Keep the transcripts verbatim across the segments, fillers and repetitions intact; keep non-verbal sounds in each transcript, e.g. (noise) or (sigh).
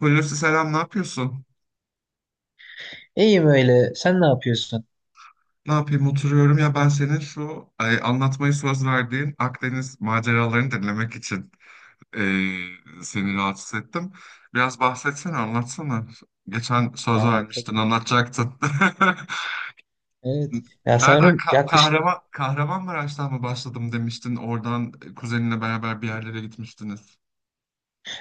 Hulusi selam, ne yapıyorsun? İyiyim öyle. Sen ne yapıyorsun? Ne yapayım oturuyorum ya ben senin şu ay, anlatmayı söz verdiğin Akdeniz maceralarını dinlemek için e, seni rahatsız ettim. Biraz bahsetsene, anlatsana. Geçen söz Aa, vermiştin, tabii. anlatacaktın. (laughs) Evet. Ya Nereden sanırım Ka yaklaşık. Kahraman Kahramanmaraş'tan mı başladım demiştin? Oradan kuzeninle beraber bir yerlere gitmiştiniz.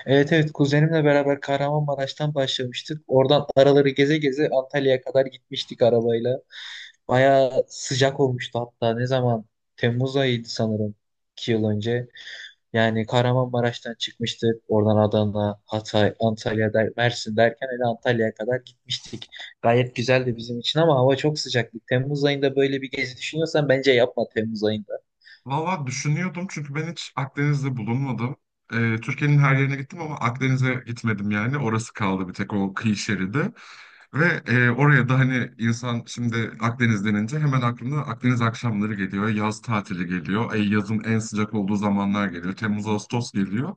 Evet, evet, kuzenimle beraber Kahramanmaraş'tan başlamıştık. Oradan araları geze geze Antalya'ya kadar gitmiştik arabayla. Bayağı sıcak olmuştu hatta. Ne zaman? Temmuz ayıydı sanırım. iki yıl önce. Yani Kahramanmaraş'tan çıkmıştık. Oradan Adana, Hatay, Antalya, der, Mersin derken hele Antalya'ya kadar gitmiştik. Gayet güzeldi bizim için ama hava çok sıcaktı. Temmuz ayında böyle bir gezi düşünüyorsan bence yapma Temmuz ayında. Valla düşünüyordum çünkü ben hiç Akdeniz'de bulunmadım. Ee, Türkiye'nin her yerine gittim ama Akdeniz'e gitmedim yani. Orası kaldı bir tek o kıyı şeridi. Ve e, oraya da hani insan şimdi Akdeniz denince hemen aklına Akdeniz akşamları geliyor. Yaz tatili geliyor. E, yazın en sıcak olduğu zamanlar geliyor. Temmuz, Ağustos geliyor.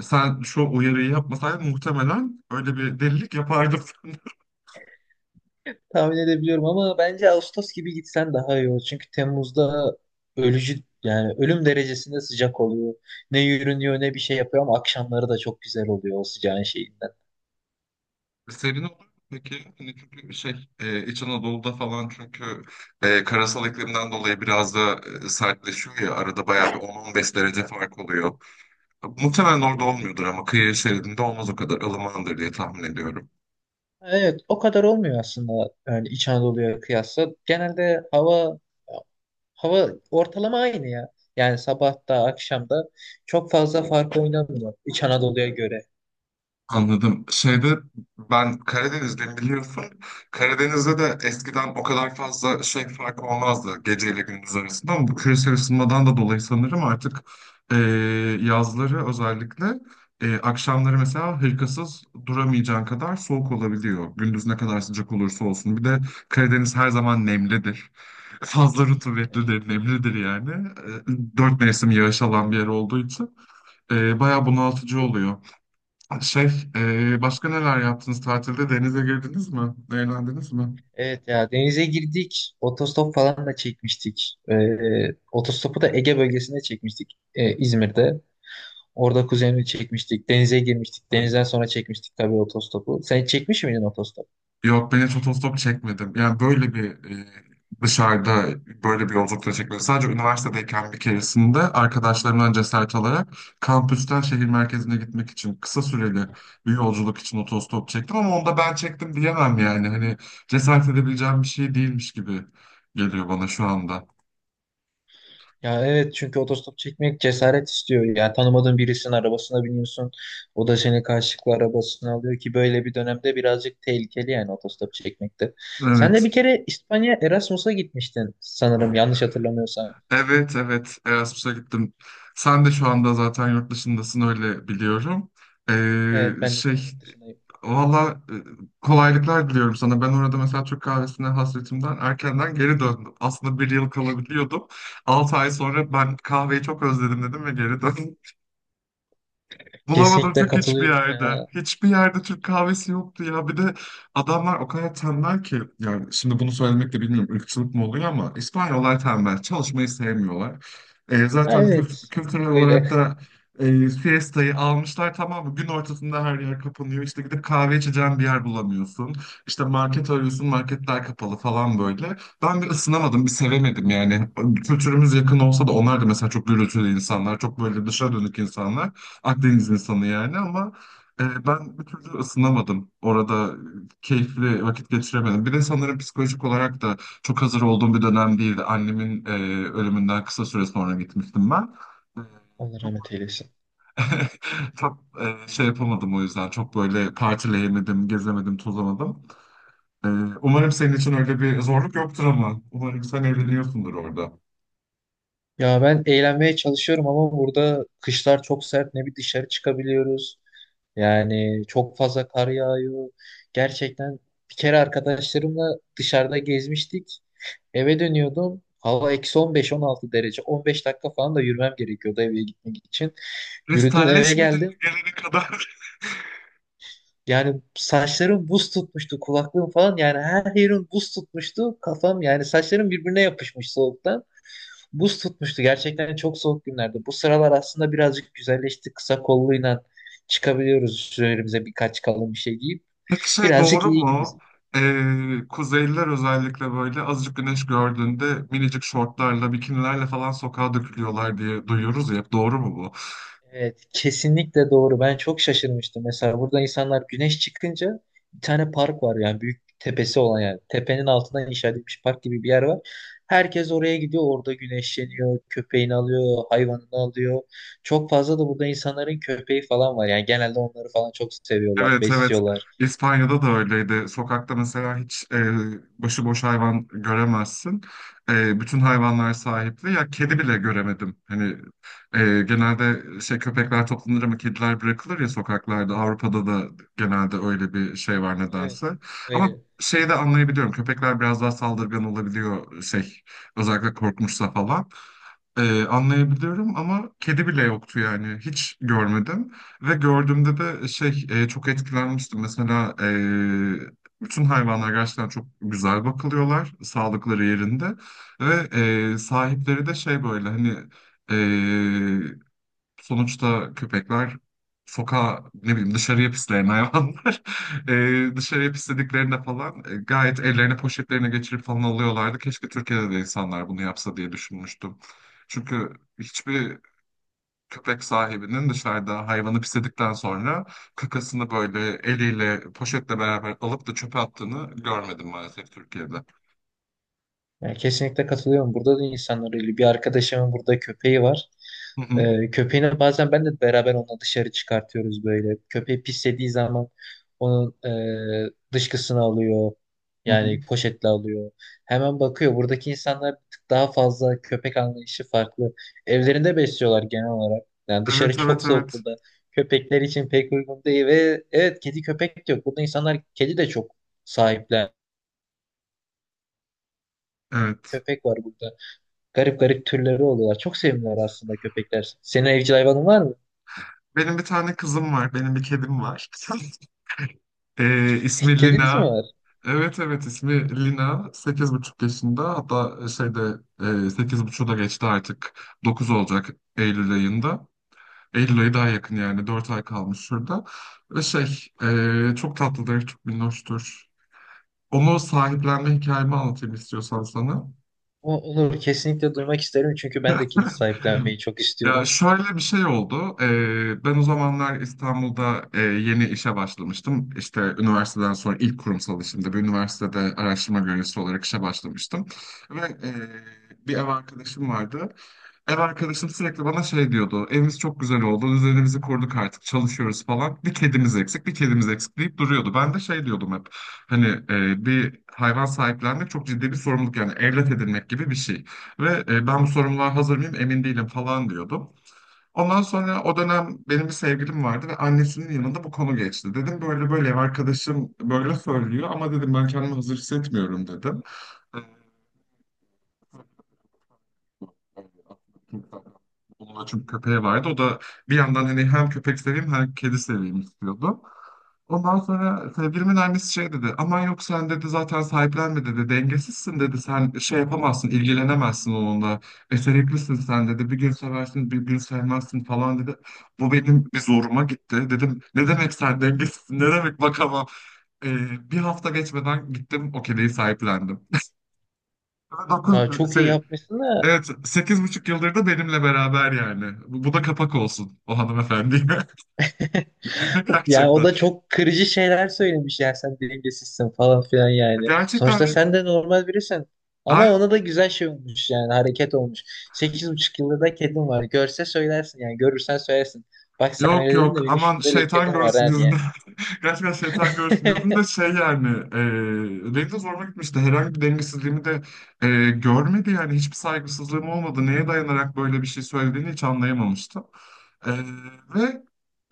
E, Sen şu uyarıyı yapmasaydın muhtemelen öyle bir delilik yapardım. (laughs) Tahmin edebiliyorum ama bence Ağustos gibi gitsen daha iyi olur. Çünkü Temmuz'da ölücü, yani ölüm derecesinde sıcak oluyor. Ne yürünüyor ne bir şey yapıyor ama akşamları da çok güzel oluyor o sıcağın şeyinden. Serin olur mu peki? Hani çünkü şey e, İç Anadolu'da falan çünkü e, karasal iklimden dolayı biraz da e, sertleşiyor ya arada bayağı bir on on beş derece fark oluyor. Muhtemelen orada olmuyordur ama kıyı şeridinde olmaz o kadar ılımandır diye tahmin ediyorum. Evet, o kadar olmuyor aslında, yani İç Anadolu'ya kıyasla. Genelde hava hava ortalama aynı ya. Yani sabah da akşam da çok fazla fark oynamıyor İç Anadolu'ya göre. Anladım. Şeyde ben Karadenizliyim biliyorsun. Karadeniz'de de eskiden o kadar fazla şey farkı olmazdı geceyle gündüz arasında ama bu küresel ısınmadan da dolayı sanırım artık e, yazları özellikle e, akşamları mesela hırkasız duramayacağın kadar soğuk olabiliyor. Gündüz ne kadar sıcak olursa olsun. Bir de Karadeniz her zaman nemlidir. (laughs) Fazla rutubetlidir, nemlidir yani. E, dört mevsim yağış alan bir yer olduğu için e, bayağı bunaltıcı oluyor. Şey, e, başka neler yaptınız tatilde? Denize girdiniz mi? Eğlendiniz mi? Evet ya, denize girdik. Otostop falan da çekmiştik. Ee, otostopu da Ege bölgesinde çekmiştik, ee, İzmir'de. Orada kuzenimi çekmiştik. Denize girmiştik. Denizden sonra çekmiştik tabii otostopu. Sen hiç çekmiş miydin otostop? Yok, ben hiç otostop çekmedim. Yani böyle bir e, dışarıda böyle bir yolculukta çekmedim. Sadece üniversitedeyken bir keresinde arkadaşlarımdan cesaret alarak kampüsten şehir merkezine gitmek için kısa süreli bir yolculuk için otostop çektim ama onda ben çektim diyemem yani. Hani cesaret edebileceğim bir şey değilmiş gibi geliyor bana şu anda. Ya evet, çünkü otostop çekmek cesaret istiyor. Yani tanımadığın birisinin arabasına biniyorsun. O da seni karşılıklı arabasına alıyor ki böyle bir dönemde birazcık tehlikeli yani otostop çekmekte. Sen de Evet. bir kere İspanya Erasmus'a gitmiştin sanırım, yanlış hatırlamıyorsam. Evet evet Erasmus'a gittim. Sen de şu anda zaten yurt dışındasın öyle biliyorum. Evet, Ee, ben de şu an şey yurt dışındayım. valla e, kolaylıklar diliyorum sana. Ben orada mesela Türk kahvesine hasretimden erkenden geri döndüm. Aslında bir yıl kalabiliyordum. altı ay sonra ben kahveyi çok özledim dedim ve geri döndüm. Bulamadım Kesinlikle Türk hiçbir katılıyorum yerde. ya. Hiçbir yerde Türk kahvesi yoktu ya. Bir de adamlar o kadar tembel ki yani şimdi bunu söylemek de bilmiyorum ırkçılık mı oluyor ama İspanyollar tembel. Çalışmayı sevmiyorlar. E, zaten kült- Evet, bir kültürel tık öyle. olarak da e, siestayı almışlar tamam mı? Gün ortasında her yer kapanıyor. İşte gidip kahve içeceğin bir yer bulamıyorsun. İşte market arıyorsun marketler kapalı falan böyle. Ben bir ısınamadım, bir sevemedim yani. Kültürümüz yakın olsa da onlar da mesela çok gürültülü insanlar, çok böyle dışa dönük insanlar. Akdeniz insanı yani ama e, ben bir türlü ısınamadım. Orada e, keyifli vakit geçiremedim. Bir de sanırım psikolojik olarak da çok hazır olduğum bir dönem değildi. Annemin e, ölümünden kısa süre sonra gitmiştim ben. E, Allah rahmet Çok, eylesin. (laughs) çok e, şey yapamadım o yüzden. Çok böyle partileyemedim, gezemedim, tozamadım. E, umarım senin için öyle bir zorluk yoktur ama. Umarım sen eğleniyorsundur orada. Ya ben eğlenmeye çalışıyorum ama burada kışlar çok sert. Ne bir dışarı çıkabiliyoruz. Yani çok fazla kar yağıyor. Gerçekten bir kere arkadaşlarımla dışarıda gezmiştik. Eve dönüyordum. Hava eksi on beş on altı derece. on beş dakika falan da yürümem gerekiyordu eve gitmek için. Yürüdüm eve Kristalleşmedin mi geldim. gelene kadar? Yani saçlarım buz tutmuştu, kulaklığım falan, yani her yerim buz tutmuştu. Kafam, yani saçlarım birbirine yapışmış soğuktan. Buz tutmuştu. Gerçekten çok soğuk günlerdi. Bu sıralar aslında birazcık güzelleşti. Kısa kolluyla çıkabiliyoruz üzerimize birkaç kalın bir şey giyip. Peki şey Birazcık doğru iyi gibi. mu? Ee, Kuzeyliler özellikle böyle azıcık güneş gördüğünde minicik şortlarla, bikinilerle falan sokağa dökülüyorlar diye duyuyoruz ya. Hep doğru mu bu? Evet, kesinlikle doğru. Ben çok şaşırmıştım. Mesela burada insanlar güneş çıkınca bir tane park var, yani büyük tepesi olan, yani tepenin altından inşa edilmiş park gibi bir yer var. Herkes oraya gidiyor, orada güneşleniyor, köpeğini alıyor, hayvanını alıyor. Çok fazla da burada insanların köpeği falan var. Yani genelde onları falan çok seviyorlar, Evet evet besliyorlar. İspanya'da da öyleydi. Sokakta mesela hiç e, başıboş hayvan göremezsin. E, bütün hayvanlar sahipli. Ya kedi bile göremedim. Hani e, genelde şey köpekler toplanır ama kediler bırakılır ya sokaklarda. Avrupa'da da genelde öyle bir şey var nedense. Evet, Ama öyle. şeyi de anlayabiliyorum. Köpekler biraz daha saldırgan olabiliyor şey özellikle korkmuşsa falan. E, anlayabiliyorum ama kedi bile yoktu yani hiç görmedim. Ve gördüğümde de şey e, çok etkilenmiştim. Mesela e, bütün hayvanlar gerçekten çok güzel bakılıyorlar, sağlıkları yerinde ve e, sahipleri de şey böyle hani e, sonuçta köpekler sokağa ne bileyim dışarıya pisleyen hayvanlar (laughs) E, dışarıya pislediklerinde falan e, gayet ellerine poşetlerine geçirip falan alıyorlardı. Keşke Türkiye'de de insanlar bunu yapsa diye düşünmüştüm. Çünkü hiçbir köpek sahibinin dışarıda hayvanı pisledikten sonra kakasını böyle eliyle poşetle beraber alıp da çöpe attığını görmedim maalesef Türkiye'de. Yani kesinlikle katılıyorum. Burada da insanlar öyle. Bir arkadaşımın burada köpeği var. Hı hı, Ee, köpeğini bazen ben de beraber onunla dışarı çıkartıyoruz böyle. Köpeği pislediği zaman onun e, dışkısını alıyor. hı hı. Yani poşetle alıyor. Hemen bakıyor. Buradaki insanlar bir tık daha fazla, köpek anlayışı farklı. Evlerinde besliyorlar genel olarak. Yani Evet dışarı çok evet soğuk evet. burada. Köpekler için pek uygun değil ve evet, kedi köpek de yok. Burada insanlar kedi de çok sahiplen. Evet. Köpek var burada. Garip garip türleri oluyorlar. Çok sevimliler aslında köpekler. Senin evcil hayvanın var mı? Benim bir tane kızım var. Benim bir kedim var. (laughs) Ee, (laughs) ismi Kediniz mi Lina. var? Evet evet ismi Lina. Sekiz buçuk yaşında. Hatta şeyde e, sekiz buçuğu da geçti artık. Dokuz olacak Eylül ayında. Eylül ayı daha yakın yani. Dört ay kalmış şurada. Ve şey e, çok tatlıdır, çok minnoştur. Onu sahiplenme hikayemi anlatayım istiyorsan sana. O, olur, kesinlikle duymak isterim çünkü ben de kedi (laughs) sahiplenmeyi çok Ya istiyorum. şöyle bir şey oldu. Ee, ben o zamanlar İstanbul'da e, yeni işe başlamıştım. İşte üniversiteden sonra ilk kurumsal işimde bir üniversitede araştırma görevlisi olarak işe başlamıştım. Ve e, bir ev arkadaşım vardı. Ev arkadaşım sürekli bana şey diyordu. Evimiz çok güzel oldu. Düzenimizi kurduk artık. Çalışıyoruz falan. Bir kedimiz eksik, bir kedimiz eksik deyip duruyordu. Ben de şey diyordum hep. Hani e, bir hayvan sahiplenmek çok ciddi bir sorumluluk. Yani evlat edinmek gibi bir şey. Ve e, ben bu sorumluluğa hazır mıyım emin değilim falan diyordum. Ondan sonra o dönem benim bir sevgilim vardı ve annesinin yanında bu konu geçti. Dedim böyle böyle ev arkadaşım böyle söylüyor ama dedim ben kendimi hazır hissetmiyorum dedim. Onun da çünkü köpeği vardı. O da bir yandan hani hem köpek seveyim hem kedi seveyim istiyordu. Ondan sonra sevgilimin annesi şey dedi. Aman yok sen dedi zaten sahiplenme dedi. Dengesizsin dedi. Sen şey yapamazsın, ilgilenemezsin onunla. Beceriklisin sen dedi. Bir gün seversin, bir gün sevmezsin falan dedi. Bu benim bir zoruma gitti. Dedim ne demek sen dengesizsin, ne demek bakamam. Ee, bir hafta geçmeden gittim o kediyi sahiplendim. dokuz. Ya çok iyi yapmışsın da. Evet, sekiz buçuk yıldır da benimle beraber yani. Bu, bu da kapak olsun o hanımefendiye. (laughs) (laughs) Yani o Gerçekten. da çok kırıcı şeyler söylemiş ya, sen dengesizsin falan filan yani. Gerçekten Sonuçta de- sen de normal birisin. Ay, Ama ona da güzel şey olmuş, yani hareket olmuş. sekiz buçuk yıldır da kedim var. Görse söylersin, yani görürsen söylersin. Bak sen yok öyle dedin de yok benim aman şimdi böyle şeytan kedim var görsün ha diye. yüzünü. (laughs) Gerçekten şeytan görsün de (laughs) şey yani e, benim de zoruma gitmişti. Herhangi bir dengesizliğimi de e, görmedi yani hiçbir saygısızlığım olmadı. Neye dayanarak böyle bir şey söylediğini hiç anlayamamıştım. E, ve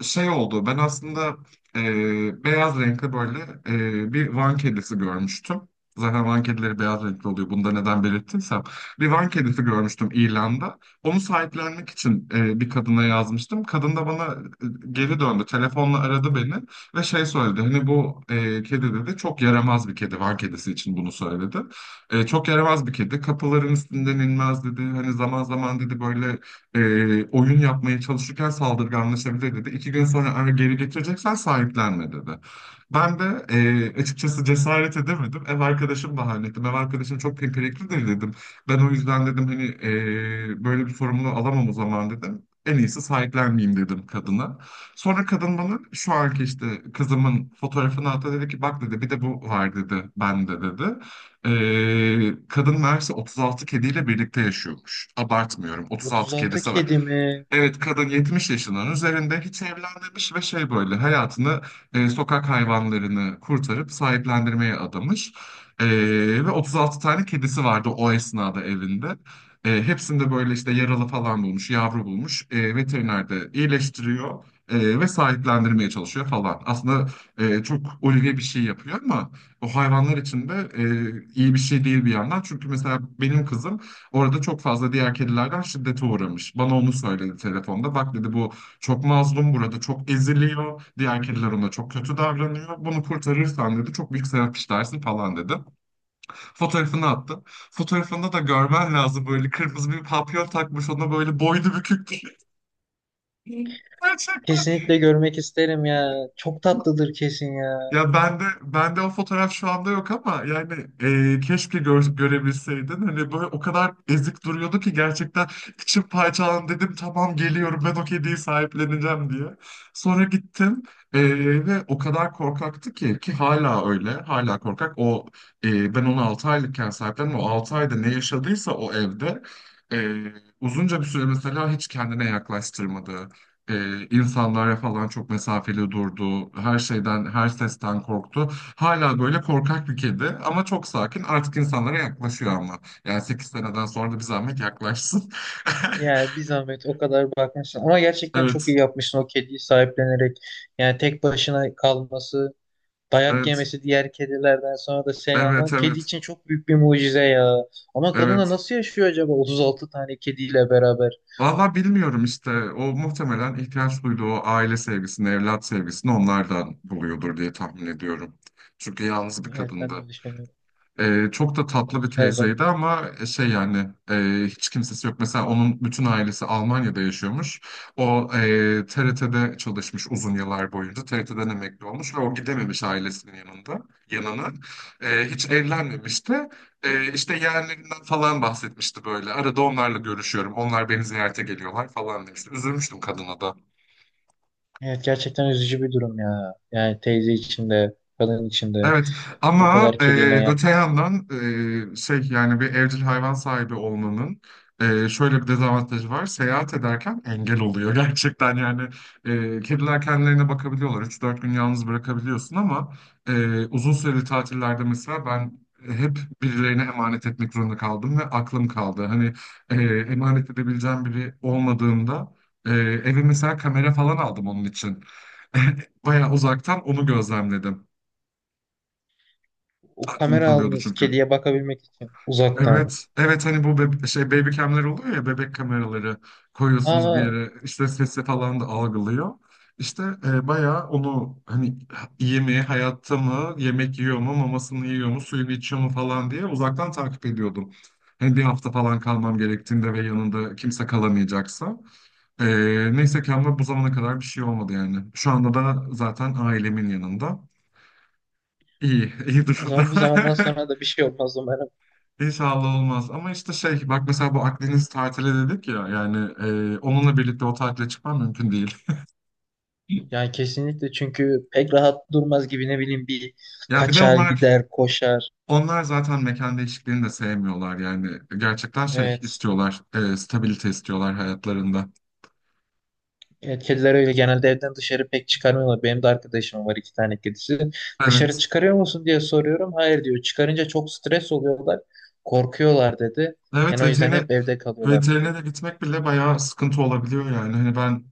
şey oldu ben aslında e, beyaz renkli böyle e, bir Van kedisi görmüştüm. Zaten Van kedileri beyaz renkli oluyor. Bunu da neden belirttiysem. Bir Van kedisi görmüştüm ilanda. Onu sahiplenmek için e, bir kadına yazmıştım. Kadın da bana e, geri döndü. Telefonla aradı beni. Ve şey söyledi hani bu e, kedi dedi çok yaramaz bir kedi Van kedisi için bunu söyledi. E, çok yaramaz bir kedi kapıların üstünden inmez dedi. Hani zaman zaman dedi böyle e, oyun yapmaya çalışırken saldırganlaşabilir dedi. İki gün sonra eğer geri getireceksen sahiplenme dedi. Ben de e, açıkçası cesaret edemedim. Ev arkadaşım bahane ettim. Ev arkadaşım çok pimpiriklidir dedim. Ben o yüzden dedim hani e, böyle bir sorumluluğu alamam o zaman dedim. En iyisi sahiplenmeyeyim dedim kadına. Sonra kadın bana şu anki işte kızımın fotoğrafını attı dedi ki bak dedi bir de bu var dedi bende dedi. Ee, kadın meğerse otuz altı kediyle birlikte yaşıyormuş. Abartmıyorum otuz altı otuz altı kedisi. kedimi Evet, kadın yetmiş yaşının üzerinde hiç evlenmemiş ve şey böyle hayatını e, sokak hayvanlarını kurtarıp sahiplendirmeye adamış. E, ve otuz altı tane kedisi vardı o esnada evinde. E, hepsinde böyle işte yaralı falan bulmuş, yavru bulmuş. E, veteriner de iyileştiriyor e, ve sahiplendirmeye çalışıyor falan. Aslında e, çok ulvi bir şey yapıyor ama o hayvanlar için de e, iyi bir şey değil bir yandan. Çünkü mesela benim kızım orada çok fazla diğer kedilerden şiddete uğramış. Bana onu söyledi telefonda. Bak dedi bu çok mazlum burada çok eziliyor. Diğer kediler ona çok kötü davranıyor. Bunu kurtarırsan dedi çok büyük sevap işlersin falan dedi. Fotoğrafını attı. Fotoğrafında da görmen lazım böyle kırmızı bir papyon takmış ona böyle boynu bükük. (laughs) Gerçekten. kesinlikle görmek isterim ya. Çok tatlıdır kesin ya. Ya ben de ben de o fotoğraf şu anda yok ama yani e, keşke gör- görebilseydin. Hani böyle o kadar ezik duruyordu ki gerçekten içim parçalandı dedim tamam geliyorum ben o kediyi sahipleneceğim diye. Sonra gittim e, ve o kadar korkaktı ki ki hala öyle hala korkak. O e, ben onu altı aylıkken sahiplendim. O altı ayda ne yaşadıysa o evde e, uzunca bir süre mesela hiç kendine yaklaştırmadı e, insanlara falan çok mesafeli durdu. Her şeyden, her sesten korktu. Hala böyle korkak bir kedi ama çok sakin. Artık insanlara yaklaşıyor ama. Yani sekiz seneden sonra da bir zahmet yaklaşsın. (laughs) Yani bir zahmet o kadar bakmışsın. Ama gerçekten çok Evet, iyi yapmışsın o kediyi sahiplenerek. Yani tek başına kalması. Dayak evet, yemesi diğer kedilerden sonra da sen alman. evet, Kedi evet, için çok büyük bir mucize ya. Ama kadın da evet. nasıl yaşıyor acaba otuz altı tane kediyle beraber? Valla bilmiyorum işte. O muhtemelen ihtiyaç duyduğu o aile sevgisini, evlat sevgisini onlardan buluyordur diye tahmin ediyorum. Çünkü yalnız bir Evet, kadındı. ben de öyle düşünüyorum. Ee, çok da tatlı Ben bir her teyzeydi zaman. ama e, şey yani e, hiç kimsesi yok. Mesela onun bütün ailesi Almanya'da yaşıyormuş. O e, T R T'de çalışmış uzun yıllar boyunca. T R T'den emekli olmuş ve o gidememiş ailesinin yanında yanına. E, hiç evlenmemişti. E, işte yeğenlerinden falan bahsetmişti böyle. Arada onlarla görüşüyorum. Onlar beni ziyarete geliyorlar falan demişti. Üzülmüştüm kadına da. Evet, gerçekten üzücü bir durum ya. Yani teyze için de, kadın için de Evet bu ama kadar e, kediyle öte yalnız. yandan e, şey yani bir evcil hayvan sahibi olmanın e, şöyle bir dezavantajı var. Seyahat ederken engel oluyor (laughs) gerçekten yani e, kediler kendilerine bakabiliyorlar. Üç dört gün yalnız bırakabiliyorsun ama e, uzun süreli tatillerde mesela ben hep birilerine emanet etmek zorunda kaldım ve aklım kaldı. Hani e, emanet edebileceğim biri olmadığında e, eve mesela kamera falan aldım onun için. (laughs) Bayağı uzaktan onu gözlemledim. O Aklım kamera kalıyordu aldınız çünkü. kediye bakabilmek için uzaktan. Evet, evet hani bu bebe- şey baby cam'ler oluyor ya bebek kameraları koyuyorsunuz bir Aa, yere işte sesi falan da algılıyor. İşte e, bayağı onu hani iyi mi, hayatta mı, yemek yiyor mu, mamasını yiyor mu, suyunu içiyor mu falan diye uzaktan takip ediyordum. Hani bir hafta falan kalmam gerektiğinde ve yanında kimse kalamayacaksa. E, neyse ki ama bu zamana kadar bir şey olmadı yani. Şu anda da zaten ailemin yanında. İyi, iyi o durumda. zaman bu zamandan (laughs) sonra da bir şey olmaz umarım. İnşallah olmaz. Ama işte şey bak mesela bu Akdeniz tatili dedik ya yani e, onunla birlikte o tatile çıkmam mümkün değil. (laughs) Yani kesinlikle, çünkü pek rahat durmaz gibi, ne bileyim, bir Ya bir de kaçar, onlar gider, koşar. onlar zaten mekan değişikliğini de sevmiyorlar yani gerçekten şey Evet. istiyorlar e, stabilite istiyorlar hayatlarında. Evet, kediler öyle genelde, evden dışarı pek çıkarmıyorlar. Benim de arkadaşım var, iki tane kedisi. Dışarı Evet. çıkarıyor musun diye soruyorum. Hayır diyor. Çıkarınca çok stres oluyorlar. Korkuyorlar dedi. Evet Yani o yüzden veterine hep evde kalıyorlar dedi. veterine de gitmek bile bayağı sıkıntı olabiliyor yani. Hani ben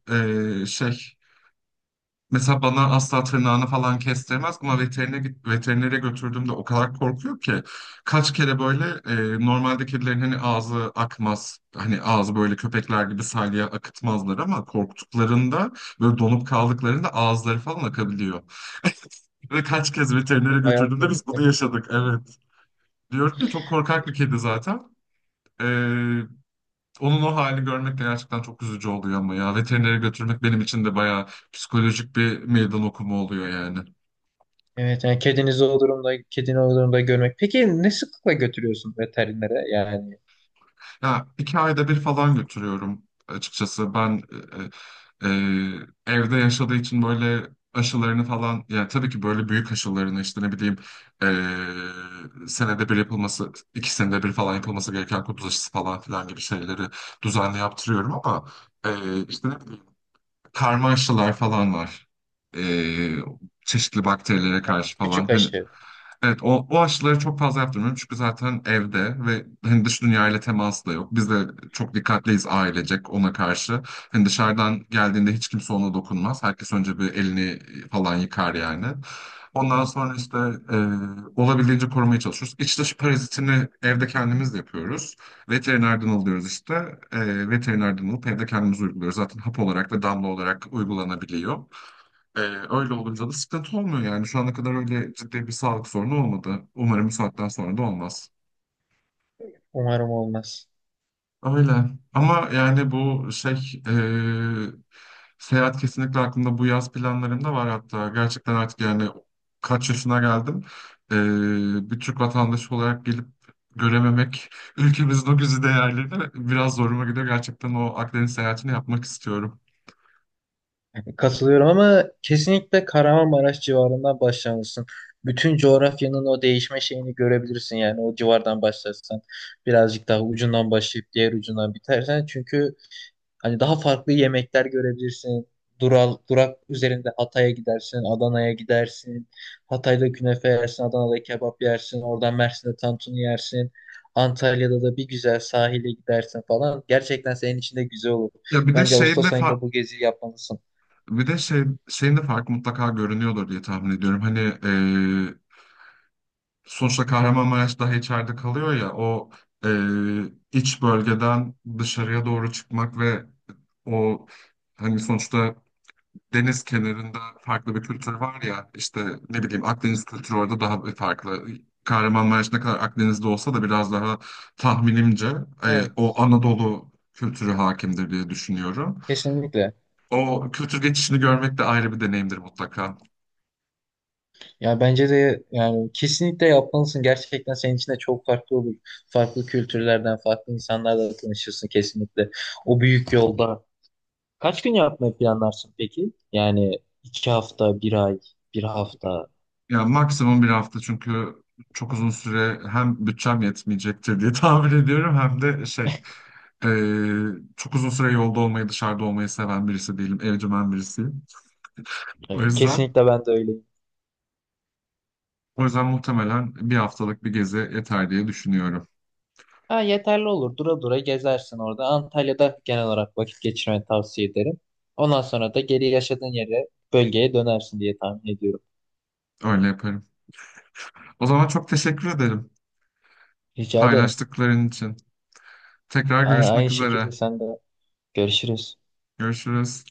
e, şey Mesela bana asla tırnağını falan kestirmez ama veterine git- veterinere götürdüğümde o kadar korkuyor ki kaç kere böyle e, normalde kedilerin hani ağzı akmaz hani ağzı böyle köpekler gibi salya akıtmazlar ama korktuklarında böyle donup kaldıklarında ağızları falan akabiliyor. Ve kaç kez Aa, veterinere bayağı götürdüğümde biz bunu korkmuş. yaşadık evet. Diyorum ya çok korkak bir kedi zaten. E, onun o halini görmek de gerçekten çok üzücü oluyor ama ya veterinere götürmek benim için de bayağı psikolojik bir meydan okuma oluyor yani. Evet, yani kedinizi o durumda, kedini o durumda görmek. Peki ne sıklıkla götürüyorsun veterinere yani? Ya iki ayda bir falan götürüyorum açıkçası. Ben e, e, e, evde yaşadığı için böyle aşılarını falan yani tabii ki böyle büyük aşılarını işte ne bileyim e, senede bir yapılması iki senede bir falan yapılması gereken kuduz aşısı falan filan gibi şeyleri düzenli yaptırıyorum ama e, işte ne bileyim karma aşılar falan var. E, çeşitli bakterilere Ha, karşı falan küçük hani. aşı. Evet, o, o aşıları çok fazla yaptırmıyorum çünkü zaten evde ve hani dış dünyayla teması da yok. Biz de çok dikkatliyiz ailecek ona karşı. Hani dışarıdan geldiğinde hiç kimse ona dokunmaz. Herkes önce bir elini falan yıkar yani. Ondan sonra işte e, olabildiğince korumaya çalışıyoruz. İç dış parazitini evde kendimiz yapıyoruz. Veterinerden alıyoruz işte. E, veterinerden alıp evde kendimiz uyguluyoruz. Zaten hap olarak ve damla olarak uygulanabiliyor. Ee, öyle olunca da sıkıntı olmuyor yani. Şu ana kadar öyle ciddi bir sağlık sorunu olmadı. Umarım bu saatten sonra da olmaz. Umarım olmaz. Öyle. Ama yani bu şey e, seyahat kesinlikle aklımda bu yaz planlarımda var hatta. Gerçekten artık yani kaç yaşına geldim. E, bir Türk vatandaşı olarak gelip görememek ülkemizin o güzide değerlerini biraz zoruma gidiyor. Gerçekten o Akdeniz seyahatini yapmak istiyorum. Katılıyorum, ama kesinlikle Kahramanmaraş civarından başlamalısın. Bütün coğrafyanın o değişme şeyini görebilirsin, yani o civardan başlarsan birazcık daha ucundan başlayıp diğer ucundan bitersen, çünkü hani daha farklı yemekler görebilirsin. Dural, durak üzerinde Hatay'a gidersin, Adana'ya gidersin. Hatay'da künefe yersin, Adana'da kebap yersin, oradan Mersin'de tantuni yersin. Antalya'da da bir güzel sahile gidersin falan. Gerçekten senin için de güzel olur. Ya bir de Bence şeyin de Ağustos ayında fa- bu geziyi yapmalısın. Bir de şey, senin de fark mutlaka görünüyordur diye tahmin ediyorum. Hani e, sonuçta Kahramanmaraş daha içeride kalıyor ya o e, iç bölgeden dışarıya doğru çıkmak ve o hani sonuçta deniz kenarında farklı bir kültür var ya işte ne bileyim Akdeniz kültürü orada daha bir farklı. Kahramanmaraş ne kadar Akdeniz'de olsa da biraz daha tahminimce e, o Evet. Anadolu kültürü hakimdir diye düşünüyorum. Kesinlikle. O kültür geçişini görmek de ayrı bir deneyimdir mutlaka. Ya bence de, yani kesinlikle yapmalısın. Gerçekten senin için de çok farklı olur. Farklı kültürlerden, farklı insanlarla tanışırsın kesinlikle. O büyük yolda. Kaç gün yapmayı planlarsın peki? Yani iki hafta, bir ay, bir hafta. Ya maksimum bir hafta çünkü çok uzun süre hem bütçem yetmeyecektir diye (laughs) tahmin ediyorum hem de şey e, çok uzun süre yolda olmayı dışarıda olmayı seven birisi değilim evcimen birisiyim. O Evet, yüzden kesinlikle ben de öyleyim. o yüzden muhtemelen bir haftalık bir gezi yeter diye düşünüyorum. Ha, yeterli olur. Dura dura gezersin orada. Antalya'da genel olarak vakit geçirmeni tavsiye ederim. Ondan sonra da geri yaşadığın yere, bölgeye dönersin diye tahmin ediyorum. Öyle yaparım. O zaman çok teşekkür ederim Rica ederim. paylaştıkların için. Tekrar A- Aynı görüşmek şekilde üzere. sen de. Görüşürüz. Görüşürüz.